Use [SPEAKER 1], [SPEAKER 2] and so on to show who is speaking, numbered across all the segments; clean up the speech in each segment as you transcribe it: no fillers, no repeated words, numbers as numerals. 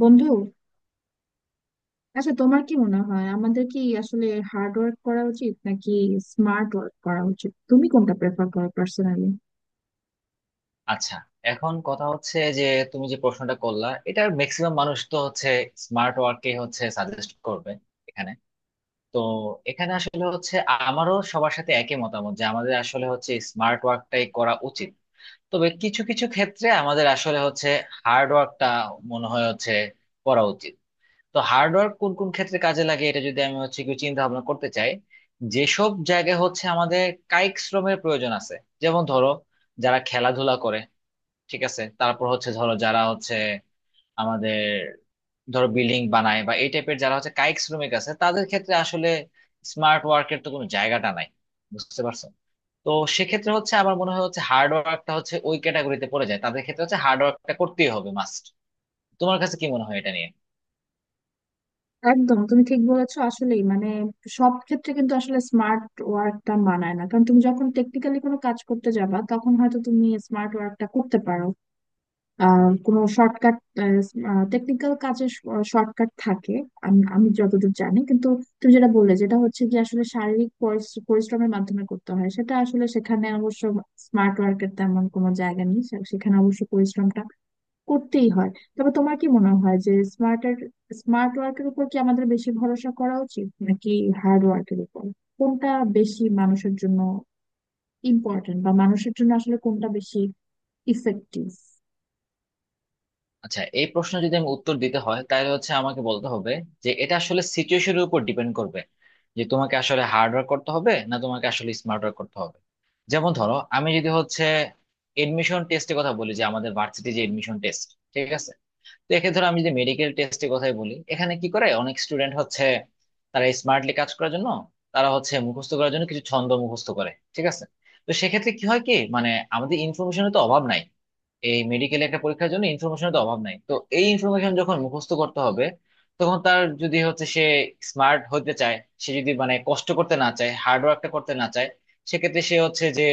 [SPEAKER 1] বন্ধু, আচ্ছা তোমার কি মনে হয় আমাদের কি আসলে হার্ড ওয়ার্ক করা উচিত নাকি স্মার্ট ওয়ার্ক করা উচিত? তুমি কোনটা প্রেফার করো পার্সোনালি?
[SPEAKER 2] আচ্ছা। এখন কথা হচ্ছে যে, তুমি যে প্রশ্নটা করলা এটার ম্যাক্সিমাম মানুষ তো হচ্ছে স্মার্ট ওয়ার্কে হচ্ছে সাজেস্ট করবে এখানে। তো এখানে আসলে হচ্ছে আমারও সবার সাথে একই মতামত যে আমাদের আসলে হচ্ছে স্মার্ট ওয়ার্কটাই করা উচিত। তবে কিছু কিছু ক্ষেত্রে আমাদের আসলে হচ্ছে হার্ড ওয়ার্কটা মনে হয় হচ্ছে করা উচিত। তো হার্ড ওয়ার্ক কোন কোন ক্ষেত্রে কাজে লাগে এটা যদি আমি হচ্ছে কিছু চিন্তা ভাবনা করতে চাই, যেসব জায়গায় হচ্ছে আমাদের কায়িক শ্রমের প্রয়োজন আছে, যেমন ধরো যারা খেলাধুলা করে, ঠিক আছে, তারপর হচ্ছে ধরো যারা হচ্ছে আমাদের ধরো বিল্ডিং বানায় বা এই টাইপের যারা হচ্ছে কায়িক শ্রমিক আছে তাদের ক্ষেত্রে আসলে স্মার্ট ওয়ার্কের তো কোনো জায়গাটা নাই। বুঝতে পারছো? তো সেক্ষেত্রে হচ্ছে আমার মনে হয় হচ্ছে হার্ড ওয়ার্কটা হচ্ছে ওই ক্যাটাগরিতে পড়ে যায়, তাদের ক্ষেত্রে হচ্ছে হার্ড ওয়ার্কটা করতেই হবে মাস্ট। তোমার কাছে কি মনে হয় এটা নিয়ে?
[SPEAKER 1] একদম, তুমি ঠিক বলেছো। আসলেই মানে সব ক্ষেত্রে কিন্তু আসলে স্মার্ট ওয়ার্কটা মানায় না, কারণ তুমি যখন টেকনিক্যালি কোনো কাজ করতে যাবা তখন হয়তো তুমি স্মার্ট ওয়ার্কটা করতে পারো। কোনো শর্টকাট, টেকনিক্যাল কাজের শর্টকাট থাকে আমি আমি যতদূর জানি। কিন্তু তুমি যেটা বললে, যেটা হচ্ছে যে আসলে শারীরিক পরিশ্রমের মাধ্যমে করতে হয়, সেটা আসলে সেখানে অবশ্য স্মার্ট ওয়ার্কের তেমন কোনো জায়গা নেই, সেখানে অবশ্য পরিশ্রমটা করতেই হয়। তবে তোমার কি মনে হয় যে স্মার্ট ওয়ার্কের উপর কি আমাদের বেশি ভরসা করা উচিত নাকি হার্ড ওয়ার্কের উপর? কোনটা বেশি মানুষের জন্য ইম্পর্টেন্ট, বা মানুষের জন্য আসলে কোনটা বেশি ইফেক্টিভ?
[SPEAKER 2] আচ্ছা, এই প্রশ্ন যদি আমি উত্তর দিতে হয় তাহলে হচ্ছে আমাকে বলতে হবে যে, এটা আসলে সিচুয়েশনের উপর ডিপেন্ড করবে যে তোমাকে আসলে হার্ড ওয়ার্ক করতে হবে না তোমাকে আসলে স্মার্ট ওয়ার্ক করতে হবে। যেমন ধরো আমি যদি হচ্ছে এডমিশন টেস্টের কথা বলি, যে আমাদের ভার্সিটি যে এডমিশন টেস্ট, ঠিক আছে, তো একে ধরো আমি যে মেডিকেল টেস্টের কথাই বলি, এখানে কি করে অনেক স্টুডেন্ট হচ্ছে তারা স্মার্টলি কাজ করার জন্য তারা হচ্ছে মুখস্থ করার জন্য কিছু ছন্দ মুখস্থ করে, ঠিক আছে। তো সেক্ষেত্রে কি হয় কি মানে, আমাদের ইনফরমেশনের তো অভাব নাই, এই মেডিকেল একটা পরীক্ষার জন্য ইনফরমেশনের তো অভাব নাই, তো এই ইনফরমেশন যখন মুখস্থ করতে হবে, তখন তার যদি হচ্ছে সে স্মার্ট হতে চায়, সে যদি মানে কষ্ট করতে না চায়, হার্ড ওয়ার্কটা করতে না চায়, সেক্ষেত্রে সে হচ্ছে যে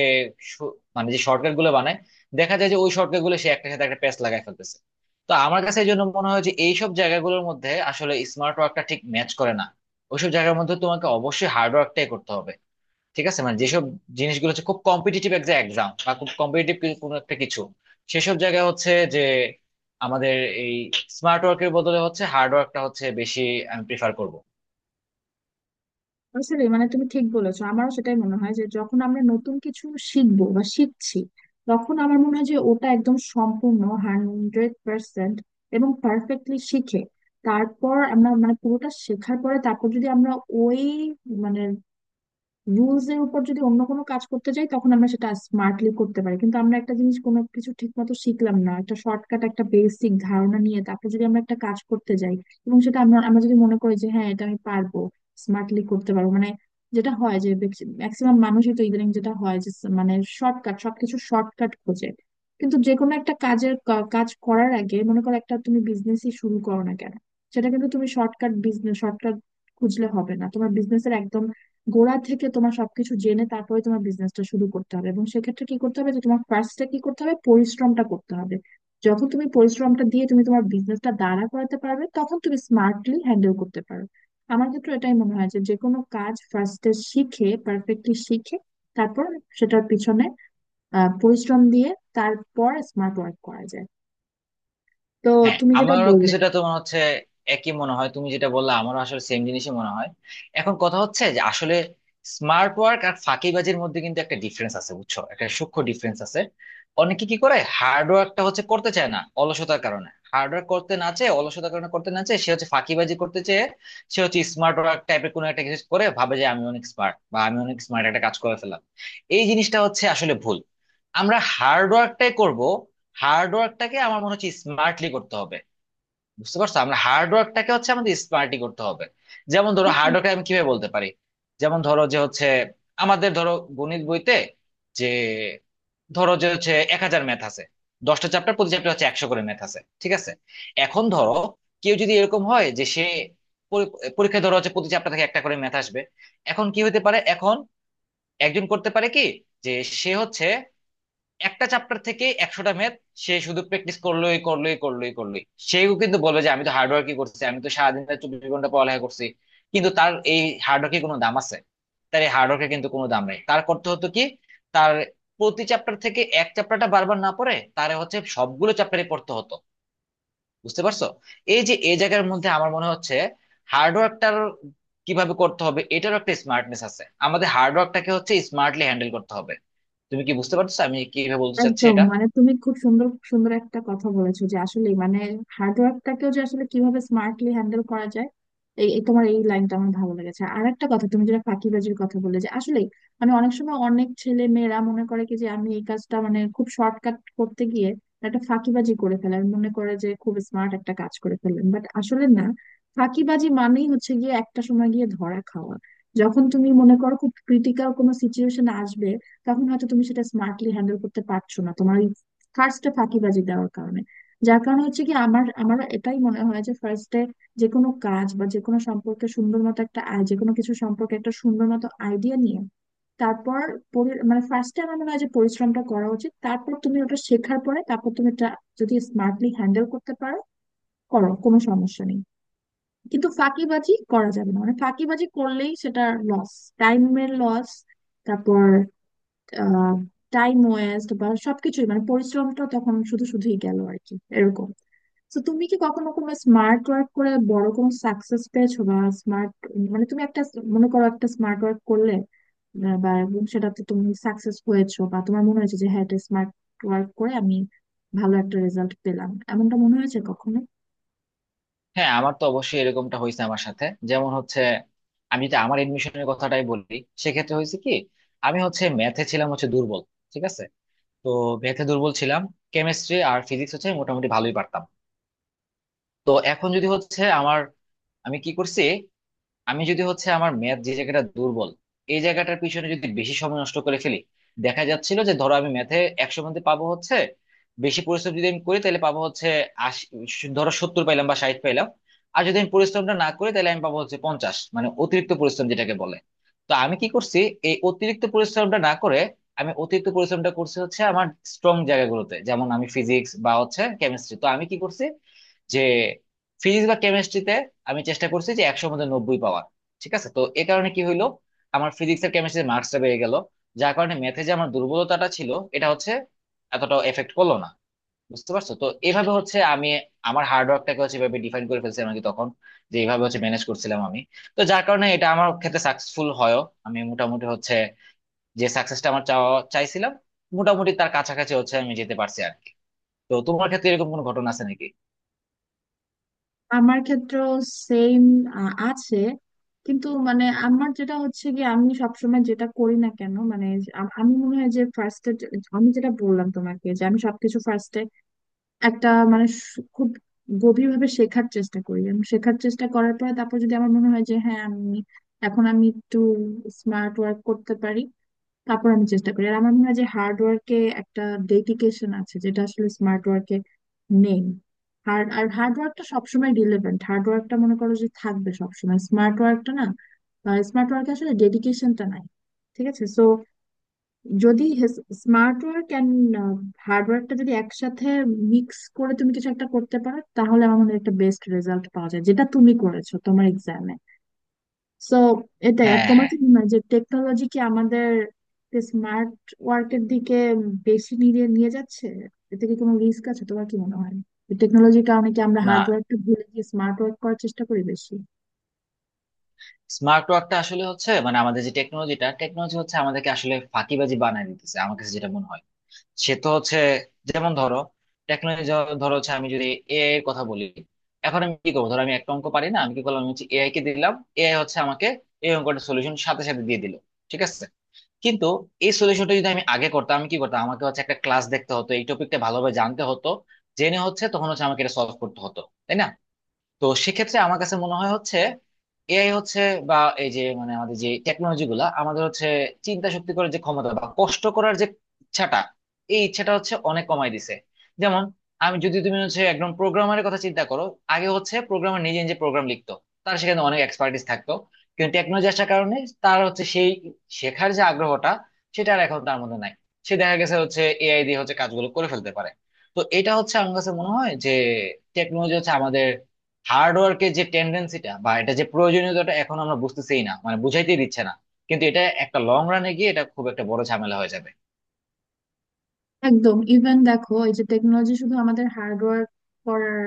[SPEAKER 2] মানে যে শর্টকাট গুলো বানায়, দেখা যায় যে ওই শর্টকাট গুলো সে একটা সাথে একটা প্যাচ লাগাই ফেলতেছে। তো আমার কাছে এই জন্য মনে হয় যে এইসব জায়গাগুলোর মধ্যে আসলে স্মার্ট ওয়ার্কটা ঠিক ম্যাচ করে না, ওইসব জায়গার মধ্যে তোমাকে অবশ্যই হার্ড ওয়ার্কটাই করতে হবে। ঠিক আছে, মানে যেসব জিনিসগুলো হচ্ছে খুব কম্পিটিটিভ একটা এক্সাম বা খুব কম্পিটিটিভ কোনো একটা কিছু, সেসব জায়গায় হচ্ছে যে আমাদের এই স্মার্ট ওয়ার্কের বদলে হচ্ছে হার্ড ওয়ার্কটা হচ্ছে বেশি আমি প্রিফার করব।
[SPEAKER 1] আসলে মানে তুমি ঠিক বলেছো, আমারও সেটাই মনে হয় যে যখন আমরা নতুন কিছু শিখবো বা শিখছি তখন আমার মনে হয় যে ওটা একদম সম্পূর্ণ 100% এবং পারফেক্টলি শিখে, তারপর আমরা মানে পুরোটা শেখার পরে তারপর যদি আমরা ওই মানে রুলস এর উপর যদি অন্য কোনো কাজ করতে যাই তখন আমরা সেটা স্মার্টলি করতে পারি। কিন্তু আমরা একটা জিনিস কোনো কিছু ঠিক মতো শিখলাম না, একটা শর্টকাট একটা বেসিক ধারণা নিয়ে তারপর যদি আমরা একটা কাজ করতে যাই এবং সেটা আমরা আমরা যদি মনে করি যে হ্যাঁ এটা আমি পারবো, স্মার্টলি করতে পারবো, মানে যেটা হয় যে ম্যাক্সিমাম মানুষই তো ইদানিং যেটা হয় যে মানে শর্টকাট, সবকিছু শর্টকাট খোঁজে। কিন্তু যে কোনো একটা কাজের কাজ করার আগে মনে করো একটা তুমি বিজনেসই শুরু করো না কেন, সেটা কিন্তু তুমি শর্টকাট, বিজনেস শর্টকাট খুঁজলে হবে না, তোমার বিজনেসের একদম গোড়া থেকে তোমার সবকিছু জেনে তারপরে তোমার বিজনেসটা শুরু করতে হবে। এবং সেক্ষেত্রে কি করতে হবে যে তোমার ফার্স্টে কি করতে হবে, পরিশ্রমটা করতে হবে। যখন তুমি পরিশ্রমটা দিয়ে তুমি তোমার বিজনেসটা দাঁড়া করাতে পারবে তখন তুমি স্মার্টলি হ্যান্ডেল করতে পারো। আমার ক্ষেত্রে এটাই মনে হয় যে যে কোনো কাজ ফার্স্টে শিখে, পারফেক্টলি শিখে, তারপর সেটার পিছনে পরিশ্রম দিয়ে তারপর স্মার্ট ওয়ার্ক করা যায়। তো
[SPEAKER 2] হ্যাঁ,
[SPEAKER 1] তুমি যেটা
[SPEAKER 2] আমারও
[SPEAKER 1] বললে,
[SPEAKER 2] কিছুটা তোমার হচ্ছে একই মনে হয়, তুমি যেটা বললা আমারও আসলে সেম জিনিসই মনে হয়। এখন কথা হচ্ছে যে আসলে স্মার্ট ওয়ার্ক আর ফাঁকিবাজির মধ্যে কিন্তু একটা ডিফারেন্স আছে, বুঝছো, একটা সূক্ষ্ম ডিফারেন্স আছে। অনেকে কি করে হার্ড ওয়ার্কটা হচ্ছে করতে চায় না অলসতার কারণে, হার্ড ওয়ার্ক করতে না চেয়ে অলসতার কারণে করতে না চেয়ে সে হচ্ছে ফাঁকিবাজি করতে চেয়ে সে হচ্ছে স্মার্ট ওয়ার্ক টাইপের কোনো একটা কিছু করে ভাবে যে আমি অনেক স্মার্ট বা আমি অনেক স্মার্ট একটা কাজ করে ফেললাম। এই জিনিসটা হচ্ছে আসলে ভুল। আমরা হার্ড ওয়ার্কটাই করব, হার্ড ওয়ার্কটাকে আমার মনে হচ্ছে স্মার্টলি করতে হবে। বুঝতে পারছো, আমরা হার্ড ওয়ার্কটাকে হচ্ছে আমাদের স্মার্টলি করতে হবে। যেমন ধরো, হার্ড ওয়ার্ক আমি কিভাবে বলতে পারি, যেমন ধরো যে হচ্ছে আমাদের ধরো গণিত বইতে যে, ধরো যে হচ্ছে 1,000 ম্যাথ আছে, 10টা চ্যাপ্টার, প্রতি চ্যাপ্টার হচ্ছে 100 করে ম্যাথ আছে, ঠিক আছে। এখন ধরো কেউ যদি এরকম হয় যে সে পরি- পরীক্ষায় ধরো হচ্ছে প্রতি চ্যাপ্টার থেকে একটা করে ম্যাথ আসবে। এখন কি হতে পারে, এখন একজন করতে পারে কি যে, সে হচ্ছে একটা চ্যাপ্টার থেকে 100টা ম্যাথ সে শুধু প্র্যাকটিস করলোই করলোই করলোই করলোই। সেও কিন্তু বলবে যে আমি তো হার্ডওয়ার্কই করছি, আমি তো সারাদিন রাত 24 ঘন্টা পড়ালেখা করছি। কিন্তু তার এই হার্ডওয়ার্কের কোনো দাম আছে? তার এই হার্ডওয়ার্কের কিন্তু কোনো দাম নাই। তার করতে হতো কি, তার প্রতি চ্যাপ্টার থেকে এক চ্যাপ্টারটা বারবার না পড়ে তার হচ্ছে সবগুলো চ্যাপ্টারে পড়তে হতো। বুঝতে পারছো? এই যে এই জায়গার মধ্যে আমার মনে হচ্ছে হার্ডওয়ার্কটার কিভাবে করতে হবে এটারও একটা স্মার্টনেস আছে, আমাদের হার্ডওয়ার্কটাকে হচ্ছে স্মার্টলি হ্যান্ডেল করতে হবে। তুমি কি বুঝতে পারছো আমি কিভাবে বলতে চাচ্ছি
[SPEAKER 1] একদম
[SPEAKER 2] এটা?
[SPEAKER 1] মানে তুমি খুব সুন্দর সুন্দর একটা কথা বলেছো যে আসলে মানে হার্ডওয়ার্কটাকেও যে আসলে কিভাবে স্মার্টলি হ্যান্ডেল করা যায়, এই এই তোমার এই লাইনটা আমার ভালো লেগেছে। আর একটা কথা তুমি যেটা ফাঁকিবাজির কথা বলে, যে আসলে মানে অনেক সময় অনেক ছেলে মেয়েরা মনে করে কি, যে আমি এই কাজটা মানে খুব শর্টকাট করতে গিয়ে একটা ফাঁকিবাজি করে ফেলে, আমি মনে করে যে খুব স্মার্ট একটা কাজ করে ফেললেন, বাট আসলে না। ফাঁকিবাজি মানেই হচ্ছে গিয়ে একটা সময় গিয়ে ধরা খাওয়া। যখন তুমি মনে করো খুব ক্রিটিক্যাল কোনো সিচুয়েশন আসবে তখন হয়তো তুমি সেটা স্মার্টলি হ্যান্ডেল করতে পারছো না তোমার ওই ফার্স্টে ফাঁকিবাজি দেওয়ার কারণে। যার কারণে হচ্ছে কি, আমার আমার এটাই মনে হয় যে ফার্স্টে যে কোনো কাজ বা যে কোনো সম্পর্কে সুন্দর মতো একটা আই, যে কোনো কিছু সম্পর্কে একটা সুন্দর মতো আইডিয়া নিয়ে তারপর মানে ফার্স্টে আমার মনে হয় যে পরিশ্রমটা করা উচিত, তারপর তুমি ওটা শেখার পরে তারপর তুমি এটা যদি স্মার্টলি হ্যান্ডেল করতে পারো, করো, কোনো সমস্যা নেই। কিন্তু ফাঁকিবাজি করা যাবে না, মানে ফাঁকিবাজি করলেই সেটা লস, টাইমের লস, তারপর টাইম ওয়েস্ট, বা সবকিছুই মানে পরিশ্রমটা তখন শুধু শুধুই গেল আর কি, এরকম। তো তুমি কি কখনো কোনো স্মার্ট ওয়ার্ক করে বড় কোনো সাকসেস পেয়েছো, বা স্মার্ট মানে তুমি একটা, মনে করো একটা স্মার্ট ওয়ার্ক করলে বা এবং সেটাতে তুমি সাকসেস হয়েছো বা তোমার মনে হয়েছে যে হ্যাঁ এটা স্মার্ট ওয়ার্ক করে আমি ভালো একটা রেজাল্ট পেলাম, এমনটা মনে হয়েছে কখনো?
[SPEAKER 2] হ্যাঁ, আমার তো অবশ্যই এরকমটা হয়েছে আমার সাথে। যেমন হচ্ছে আমি যদি আমার এডমিশনের কথাটাই বলি, সেক্ষেত্রে হয়েছে কি, আমি হচ্ছে ম্যাথে ছিলাম হচ্ছে দুর্বল, ঠিক আছে। তো ম্যাথে দুর্বল ছিলাম, কেমিস্ট্রি আর ফিজিক্স হচ্ছে মোটামুটি ভালোই পারতাম। তো এখন যদি হচ্ছে আমার, আমি কি করছি, আমি যদি হচ্ছে আমার ম্যাথ যে জায়গাটা দুর্বল এই জায়গাটার পিছনে যদি বেশি সময় নষ্ট করে ফেলি, দেখা যাচ্ছিল যে ধরো আমি ম্যাথে 100 মধ্যে পাবো হচ্ছে, বেশি পরিশ্রম যদি আমি করি তাহলে পাবো হচ্ছে 80, ধরো 70 পাইলাম বা 60 পাইলাম। আর যদি আমি পরিশ্রমটা না করি তাহলে আমি পাবো হচ্ছে 50, মানে অতিরিক্ত পরিশ্রম যেটাকে বলে। তো আমি কি করছি, এই অতিরিক্ত পরিশ্রমটা না করে আমি অতিরিক্ত পরিশ্রমটা করছি হচ্ছে আমার স্ট্রং জায়গাগুলোতে, যেমন আমি ফিজিক্স বা হচ্ছে কেমিস্ট্রি। তো আমি কি করছি যে ফিজিক্স বা কেমিস্ট্রিতে আমি চেষ্টা করছি যে 100-র মধ্যে 90 পাওয়ার। ঠিক আছে, তো এ কারণে কি হইলো, আমার ফিজিক্স আর কেমিস্ট্রিতে মার্কসটা বেড়ে গেল, যার কারণে ম্যাথে যে আমার দুর্বলতাটা ছিল, এটা হচ্ছে এতটাও এফেক্ট করলো না। বুঝতে পারছো, তো এভাবে হচ্ছে আমি আমার হার্ড ওয়ার্কটাকে হচ্ছে এভাবে ডিফাইন করে ফেলছিলাম আর কি তখন, যে এইভাবে হচ্ছে ম্যানেজ করছিলাম আমি। তো যার কারণে এটা আমার ক্ষেত্রে সাকসেসফুল হয়ও, আমি মোটামুটি হচ্ছে যে সাকসেসটা আমার চাওয়া চাইছিলাম মোটামুটি তার কাছাকাছি হচ্ছে আমি যেতে পারছি আর কি। তো তোমার ক্ষেত্রে এরকম কোনো ঘটনা আছে নাকি?
[SPEAKER 1] আমার ক্ষেত্রেও সেম আছে, কিন্তু মানে আমার যেটা হচ্ছে কি আমি সবসময় যেটা করি না কেন মানে যে আমি মনে হয় যে ফার্স্টে, আমি যেটা বললাম তোমাকে, যে আমি সবকিছু ফার্স্টে একটা মানে খুব গভীরভাবে শেখার চেষ্টা করি। আমি শেখার চেষ্টা করার পর তারপর যদি আমার মনে হয় যে হ্যাঁ আমি এখন আমি একটু স্মার্ট ওয়ার্ক করতে পারি, তারপর আমি চেষ্টা করি। আর আমার মনে হয় যে হার্ড ওয়ার্কে একটা ডেডিকেশন আছে যেটা আসলে স্মার্ট ওয়ার্কে নেই। হার্ড ওয়ার্কটা সবসময় রিলেভেন্ট, হার্ড ওয়ার্কটা মনে করো যে থাকবে সবসময়, স্মার্ট ওয়ার্কটা না। স্মার্ট ওয়ার্কে আসলে ডেডিকেশনটা নাই, ঠিক আছে? সো যদি স্মার্ট ওয়ার্ক অ্যান্ড হার্ড ওয়ার্কটা যদি একসাথে মিক্স করে তুমি কিছু একটা করতে পারো তাহলে আমার মনে হয় একটা বেস্ট রেজাল্ট পাওয়া যায়, যেটা তুমি করেছো তোমার এক্সামে। সো এটাই। আর
[SPEAKER 2] হ্যাঁ,
[SPEAKER 1] তোমার
[SPEAKER 2] হ্যাঁ।
[SPEAKER 1] কি মনে হয় যে টেকনোলজি কি আমাদের স্মার্ট ওয়ার্কের দিকে বেশি নিয়ে নিয়ে যাচ্ছে? এতে কি কোনো রিস্ক আছে, তোমার কি মনে হয়? টেকনোলজির কারণে কি আমরা
[SPEAKER 2] না,
[SPEAKER 1] হার্ড ওয়ার্কটা ভুলে গিয়ে স্মার্ট ওয়ার্ক করার চেষ্টা করি বেশি?
[SPEAKER 2] স্মার্ট ওয়ার্কটা আসলে হচ্ছে মানে আমাদের যে টেকনোলজিটা, টেকনোলজি হচ্ছে আমাদেরকে আসলে ফাঁকিবাজি বানায় দিতেছে আমার কাছে যেটা মনে হয়। সে তো হচ্ছে, যেমন ধরো টেকনোলজি, ধরো হচ্ছে আমি যদি এআই এর কথা বলি, এখন আমি কি করবো, ধরো আমি একটা অঙ্ক পারি না, আমি কি করলাম, আমি হচ্ছে এআই কে দিলাম, এআই হচ্ছে আমাকে এই অঙ্কটা সলিউশন সাথে সাথে দিয়ে দিল, ঠিক আছে। কিন্তু এই সলিউশনটা যদি আমি আগে করতাম, আমি কি করতাম, আমাকে হচ্ছে একটা ক্লাস দেখতে হতো, এই টপিকটা ভালোভাবে জানতে হতো, জেনে হচ্ছে তখন হচ্ছে আমাকে এটা সলভ করতে হতো, তাই না? তো সেক্ষেত্রে আমার কাছে মনে হয় হচ্ছে এআই হচ্ছে, বা এই যে মানে আমাদের যে টেকনোলজি গুলা আমাদের হচ্ছে চিন্তা শক্তি করার যে ক্ষমতা বা কষ্ট করার যে ইচ্ছাটা, এই ইচ্ছাটা হচ্ছে অনেক কমায় দিছে। যেমন, আমি যদি তুমি হচ্ছে একদম প্রোগ্রামারের কথা চিন্তা করো, আগে হচ্ছে প্রোগ্রামার নিজে নিজে প্রোগ্রাম লিখতো, তার সেখানে অনেক এক্সপার্টিস থাকতো। কিন্তু টেকনোলজি আসার কারণে তার হচ্ছে সেই শেখার যে আগ্রহটা সেটা আর এখন তার মধ্যে নাই, সে দেখা গেছে হচ্ছে এআই দিয়ে হচ্ছে কাজগুলো করে ফেলতে পারে। তো এটা হচ্ছে আমার কাছে মনে হয় যে টেকনোলজি হচ্ছে আমাদের হার্ডওয়ার্কের যে টেন্ডেন্সিটা বা এটা যে প্রয়োজনীয়তাটা, এখন আমরা বুঝতেছেই না, মানে বুঝাইতে দিচ্ছে না। কিন্তু এটা একটা লং রানে গিয়ে এটা খুব একটা বড় ঝামেলা হয়ে যাবে।
[SPEAKER 1] একদম, ইভেন দেখো এই যে টেকনোলজি শুধু আমাদের হার্ডওয়ার্ক করার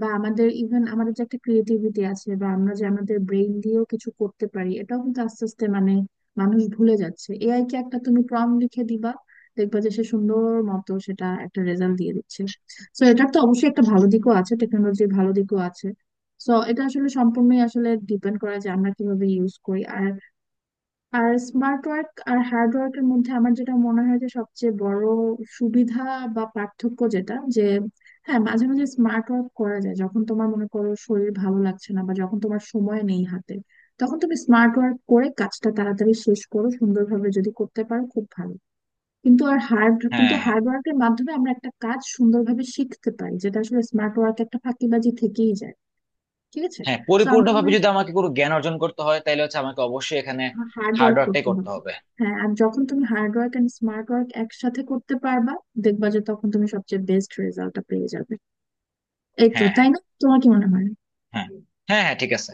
[SPEAKER 1] বা আমাদের ইভেন আমাদের যে একটা ক্রিয়েটিভিটি আছে বা আমরা যে আমাদের ব্রেইন দিয়েও কিছু করতে পারি এটাও কিন্তু আস্তে আস্তে মানে মানুষ ভুলে যাচ্ছে। এআই কে একটা তুমি প্রম্পট লিখে দিবা, দেখবা যে সে সুন্দর মতো সেটা একটা রেজাল্ট দিয়ে দিচ্ছে। সো এটার তো অবশ্যই একটা ভালো দিকও আছে, টেকনোলজির ভালো দিকও আছে। সো এটা আসলে সম্পূর্ণই আসলে ডিপেন্ড করা যে আমরা কিভাবে ইউজ করি। আর আর স্মার্ট ওয়ার্ক আর হার্ড ওয়ার্কের মধ্যে আমার যেটা মনে হয় যে সবচেয়ে বড় সুবিধা বা পার্থক্য যেটা, যে হ্যাঁ মাঝে মাঝে স্মার্ট ওয়ার্ক করা যায় যখন তোমার মনে করো শরীর ভালো লাগছে না বা যখন তোমার সময় নেই হাতে, তখন তুমি স্মার্ট ওয়ার্ক করে কাজটা তাড়াতাড়ি শেষ করো, সুন্দরভাবে যদি করতে পারো খুব ভালো। কিন্তু আর হার্ড, কিন্তু
[SPEAKER 2] হ্যাঁ, হ্যাঁ।
[SPEAKER 1] হার্ড ওয়ার্কের মাধ্যমে আমরা একটা কাজ সুন্দরভাবে শিখতে পারি, যেটা আসলে স্মার্ট ওয়ার্ক একটা ফাঁকিবাজি থেকেই যায়। ঠিক আছে?
[SPEAKER 2] হ্যাঁ,
[SPEAKER 1] তো আমার মনে
[SPEAKER 2] পরিপূর্ণভাবে যদি
[SPEAKER 1] হয়
[SPEAKER 2] আমাকে কোনো জ্ঞান অর্জন করতে হয় তাহলে হচ্ছে আমাকে অবশ্যই এখানে
[SPEAKER 1] হার্ড ওয়ার্ক
[SPEAKER 2] হার্ডওয়ার্কটাই
[SPEAKER 1] করতে
[SPEAKER 2] করতে
[SPEAKER 1] হবে।
[SPEAKER 2] হবে।
[SPEAKER 1] হ্যাঁ, আর যখন তুমি hard work and smart work একসাথে করতে পারবা, দেখবা যে তখন তুমি সবচেয়ে বেস্ট রেজাল্টটা পেয়ে যাবে। এই তো,
[SPEAKER 2] হ্যাঁ, হ্যাঁ।
[SPEAKER 1] তাই না? তোমার কি মনে হয়?
[SPEAKER 2] হ্যাঁ। হ্যাঁ, হ্যাঁ, ঠিক আছে।